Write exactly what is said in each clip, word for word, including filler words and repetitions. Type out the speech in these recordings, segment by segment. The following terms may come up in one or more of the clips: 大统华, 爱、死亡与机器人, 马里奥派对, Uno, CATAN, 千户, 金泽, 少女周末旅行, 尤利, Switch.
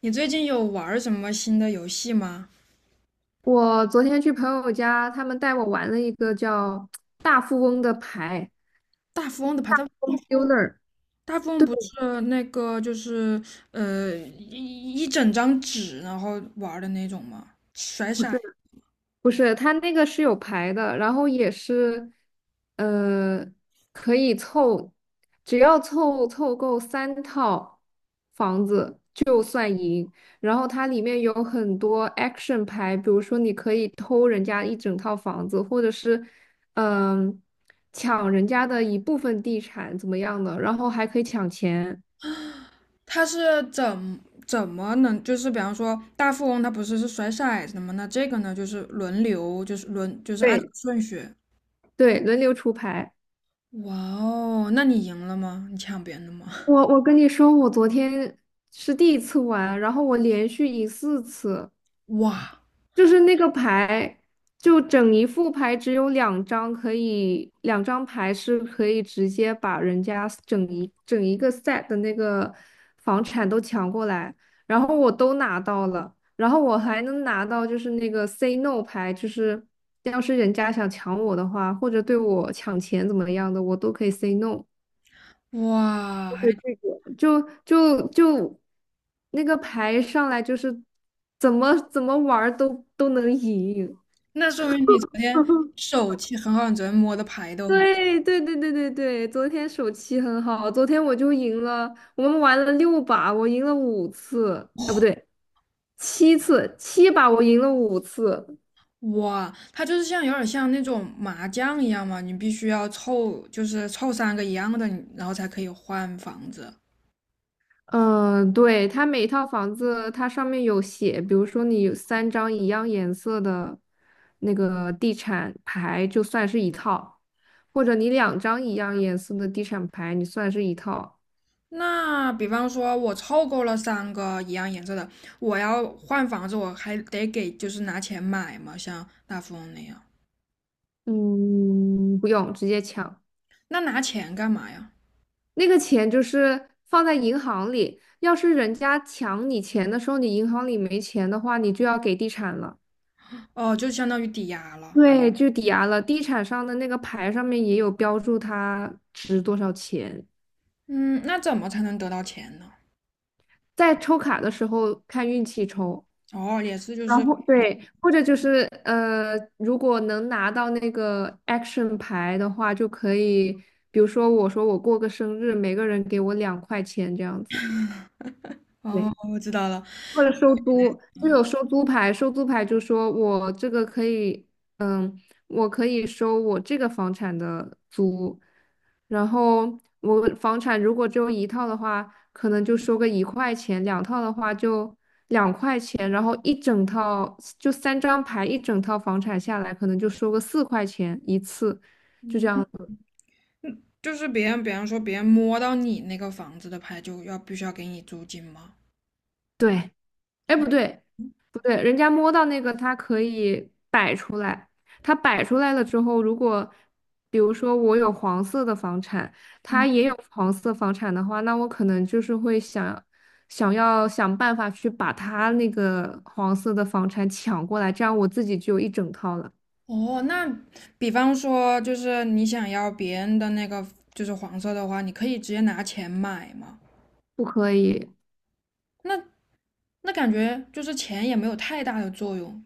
你最近有玩什么新的游戏吗？我昨天去朋友家，他们带我玩了一个叫大富翁的牌 大富翁的牌，大大 Home 富翁，Builder。大富翁对，不是那个就是呃一一整张纸然后玩的那种吗？甩骰，不是，它那个是有牌的，然后也是，呃，可以凑，只要凑凑够三套房子，然后它里面有很多 action 牌，比如说你可以偷人家一整套房子，或者是，嗯、抢人家的一部分地产怎么样的，然后还可以抢钱。它是怎怎么能就是比方说大富翁它不是是甩骰子的吗？那这个呢就是轮流就是轮就是按对，顺序。对，轮流出牌。哇哦，那你赢了吗？你抢别人的吗？我我跟你说，我昨天是第一次玩，然后我连续赢四次，哇就是那个牌，就整一副牌只有两张可以，两张牌是可以直接把人家整一整一个 set 的那个房产都抢过来，然后我都拿到了，然后我还能拿到就是那个 say no 牌，就是要是人家想抢我的话，或者对我抢钱怎么样的，我都可以 say no。哇，对这还个，就就就那个牌上来就是怎么怎么玩儿都都能赢。那说明你昨天手气很好，你昨天摸的牌都很好。对对对对对对，昨天手气很好，昨天我就赢了，我们玩了六把，我赢了五次，啊不对，七次，七把我赢了五次。哇，它就是像有点像那种麻将一样嘛，你必须要凑，就是凑三个一样的，你然后才可以换房子。嗯，呃对，它每一套房子，它上面有写，比如说你有三张一样颜色的那个地产牌，就算是一套；或者你两张一样颜色的地产牌，你算是一套。那比方说，我凑够了三个一样颜色的，我要换房子，我还得给就是拿钱买嘛，像大富翁那样。嗯，不用，直接抢。那拿钱干嘛呀？那个钱就是放在银行里，要是人家抢你钱的时候，你银行里没钱的话，你就要给地产了。哦，就相当于抵押了。对，就抵押了。地产上的那个牌上面也有标注它值多少钱。嗯，那怎么才能得到钱呢？在抽卡的时候看运气抽，哦，也是，就然是，后对，或者就是呃，如果能拿到那个 action 牌的话，就可以，比如说我说我过个生日，每个人给我两块钱这样子。哦，对。我知道了，或者收租，就有收租牌，收租牌就说我这个可以，嗯，我可以收我这个房产的租，然后我房产如果只有一套的话，可能就收个一块钱，两套的话就两块钱，然后一整套就三张牌，一整套房产下来可能就收个四块钱一次，就这样子。就是别人，比方说别人摸到你那个房子的牌，就要必须要给你租金吗？对，哎，不对，不对，人家摸到那个，它可以摆出来。它摆出来了之后，如果比如说我有黄色的房产，他也有黄色房产的话，那我可能就是会想想要想办法去把他那个黄色的房产抢过来，这样我自己就有一整套了。哦，那比方说，就是你想要别人的那个就是黄色的话，你可以直接拿钱买吗？不可以，那那感觉就是钱也没有太大的作用。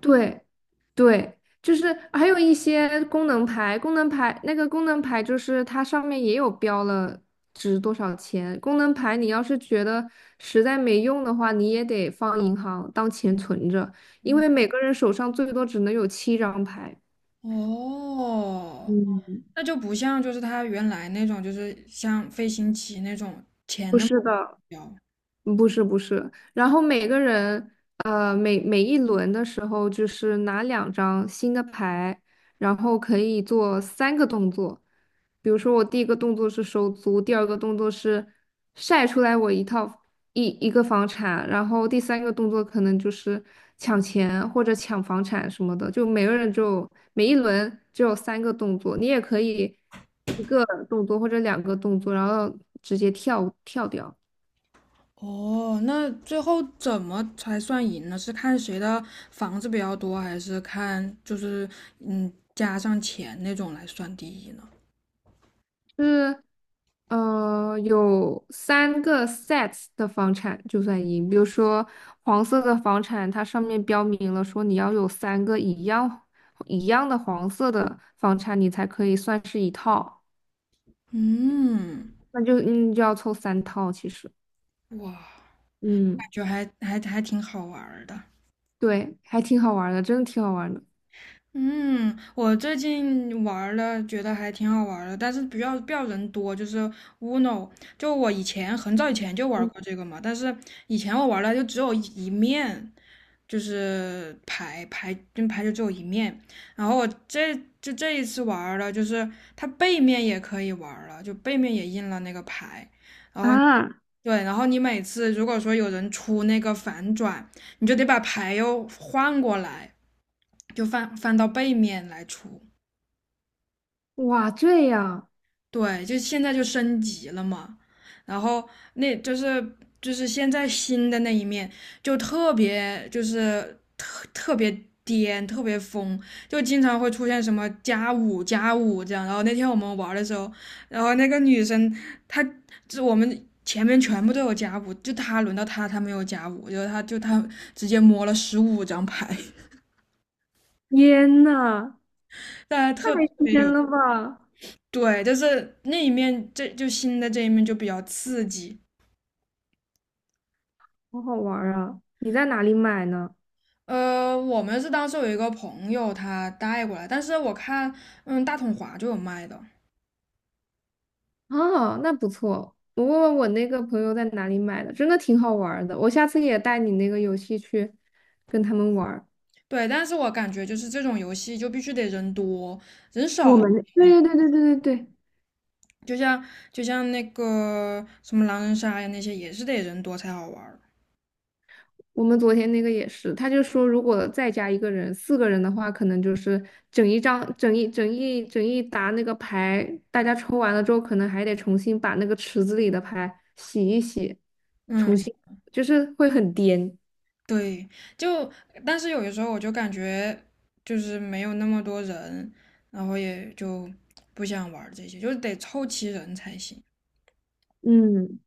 对对，就是还有一些功能牌，功能牌那个功能牌就是它上面也有标了值多少钱。功能牌你要是觉得实在没用的话，你也得放银行当钱存着，因为每个人手上最多只能有七张牌。哦，嗯，那就不像就是他原来那种，就是像飞行棋那种钱不那么是的，重要。不是不是，然后每个人呃每每一轮的时候就是拿两张新的牌，然后可以做三个动作，比如说我第一个动作是收租，第二个动作是晒出来我一套一一个房产，然后第三个动作可能就是抢钱或者抢房产什么的，就每个人就每一轮只有三个动作，你也可以一个动作或者两个动作，然后直接跳跳掉。哦，那最后怎么才算赢呢？是看谁的房子比较多，还是看就是嗯加上钱那种来算第一呢？是呃有三个 sets 的房产就算赢，比如说黄色的房产，它上面标明了说你要有三个一样一样的黄色的房产，你才可以算是一套，嗯，那就嗯就要凑三套其实，哇。嗯，就还还还挺好玩的。对，还挺好玩儿的，真的挺好玩儿的嗯，我最近玩了，觉得还挺好玩的，但是不要不要人多，就是 Uno，就我以前很早以前就玩过这个嘛，但是以前我玩了就只有一一面，就是牌牌就牌就只有一面，然后我这就这一次玩了，就是它背面也可以玩了，就背面也印了那个牌，然后啊！对，然后你每次如果说有人出那个反转，你就得把牌又换过来。就翻翻到背面来出。哇，这样，对，就现在就升级了嘛。然后那就是就是现在新的那一面就特别就是特别颠，特别疯，就经常会出现什么加五加五这样。然后那天我们玩的时候，然后那个女生她就我们。前面全部都有加五，就她轮到她她没有加五，就后她就她直接摸了十五张牌，天呐，大家太特别天有了吧，对，就是那一面，这就新的这一面就比较刺激。好好玩儿啊！你在哪里买呢？呃，我们是当时有一个朋友他带过来，但是我看，嗯，大统华就有卖的。哦，那不错。我问问我那个朋友在哪里买的，真的挺好玩儿的。我下次也带你那个游戏去跟他们玩儿。对，但是我感觉就是这种游戏就必须得人多，人我少，们对对对对对对对，就像就像那个什么狼人杀呀那些，也是得人多才好玩儿。我们昨天那个也是，他就说如果再加一个人，四个人的话，可能就是整一张、整一、整一、整一沓那个牌，大家抽完了之后，可能还得重新把那个池子里的牌洗一洗，重嗯，新就是会很颠。对，就但是有的时候我就感觉就是没有那么多人，然后也就不想玩儿这些，就是得凑齐人才行。嗯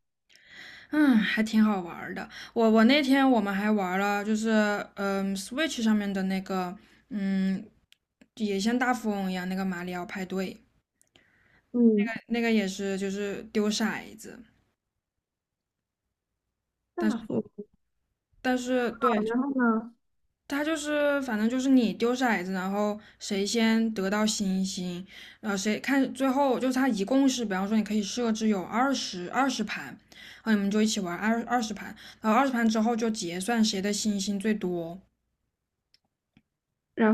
嗯，还挺好玩儿的。我我那天我们还玩了，就是嗯，Switch 上面的那个，嗯，也像大富翁一样那个马里奥派对，嗯，那个也是就是丢骰子，大但是富但是豪，对，然后呢？它就是反正就是你丢骰子，然后谁先得到星星，然后谁看最后就是它一共是，比方说你可以设置有二十二十盘，然后你们就一起玩二二十盘，然后二十盘之后就结算谁的星星最多。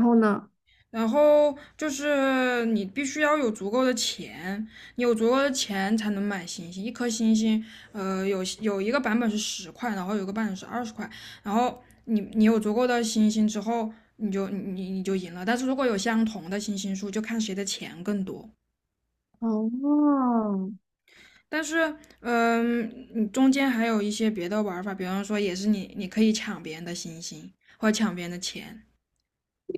然后呢？然后就是你必须要有足够的钱，你有足够的钱才能买星星。一颗星星，呃，有有一个版本是十块，然后有一个版本是二十块。然后你你有足够的星星之后，你就你你就赢了。但是如果有相同的星星数，就看谁的钱更多。哦，但是，嗯，你中间还有一些别的玩法，比方说也是你你可以抢别人的星星或者抢别人的钱。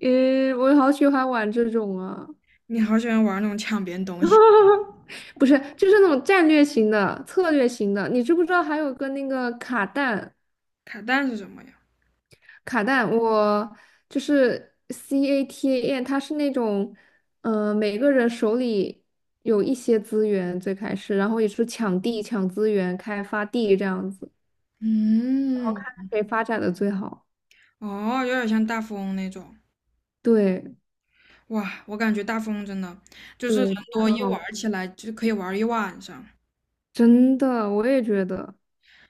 诶，我好喜欢玩这种啊！你好喜欢玩那种抢别人东西。不是，就是那种战略型的、策略型的。你知不知道还有个那个卡弹？卡带是什么呀？卡弹，我就是 CATAN，它是那种，呃，每个人手里有一些资源，最开始，然后也是抢地、抢资源、开发地这样子，嗯，谁发展的最好？哦，有点像大富翁那种。对哇，我感觉大富翁真的就是人对，真的多很一好玩玩，儿起来就可以玩儿一晚上，真的，我也觉得。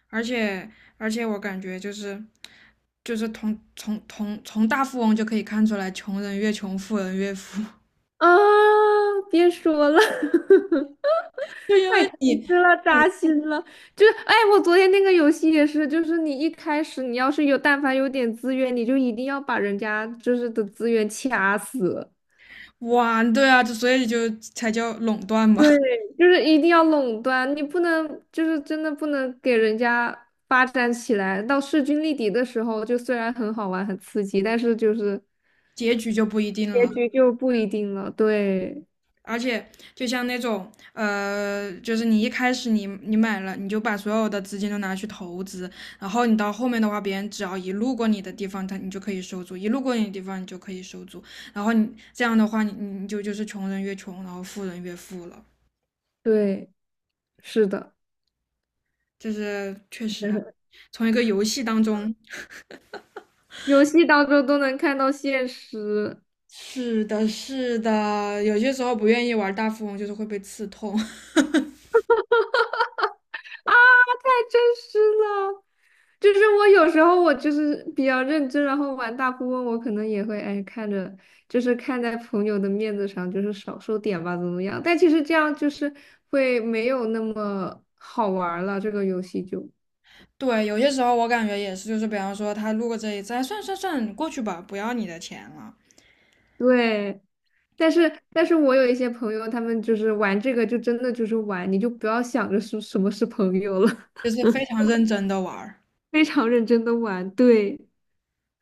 而且而且我感觉就是就是从从从从大富翁就可以看出来，穷人越穷，富人越富。啊，别说了，就因太为诚你实了扎心了。就是，哎，我昨天那个游戏也是，就是你一开始你要是有但凡有点资源，你就一定要把人家就是的资源掐死。玩对啊，就所以就才叫垄断嘛，对，就是一定要垄断，你不能就是真的不能给人家发展起来。到势均力敌的时候，就虽然很好玩很刺激，但是就是 结局就不一定结了。局就不一定了。对，而且就像那种呃，就是你一开始你你买了，你就把所有的资金都拿去投资，然后你到后面的话，别人只要一路过你的地方，他你就可以收租；一路过你的地方，你就可以收租。然后你这样的话，你你就就是穷人越穷，然后富人越富了。对，是的。就是确实啊，从一个游戏当中，游戏当中都能看到现实是的，是的，有些时候不愿意玩大富翁，就是会被刺痛。啊，太真实了。就是我有时候我就是比较认真，然后玩大富翁，我可能也会哎看着，就是看在朋友的面子上，就是少收点吧，怎么样？但其实这样就是会没有那么好玩儿了，这个游戏就对，有些时候我感觉也是，就是比方说他路过这一次，哎，算算算，过去吧，不要你的钱了，对。但是但是我有一些朋友，他们就是玩这个就真的就是玩，你就不要想着是什么是朋友了，就是非常认真的玩儿。非常认真的玩，对。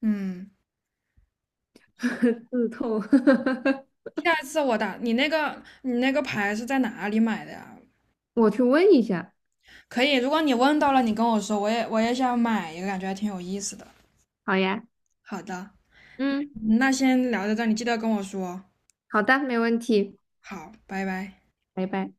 嗯，好，刺痛。下一次我打你那个你那个牌是在哪里买的呀？我去问一下。可以，如果你问到了，你跟我说，我也我也想买一个，感觉还挺有意思的。好呀，好的，嗯，那先聊到这儿，你记得跟我说。好的，没问题，好，拜拜。拜拜。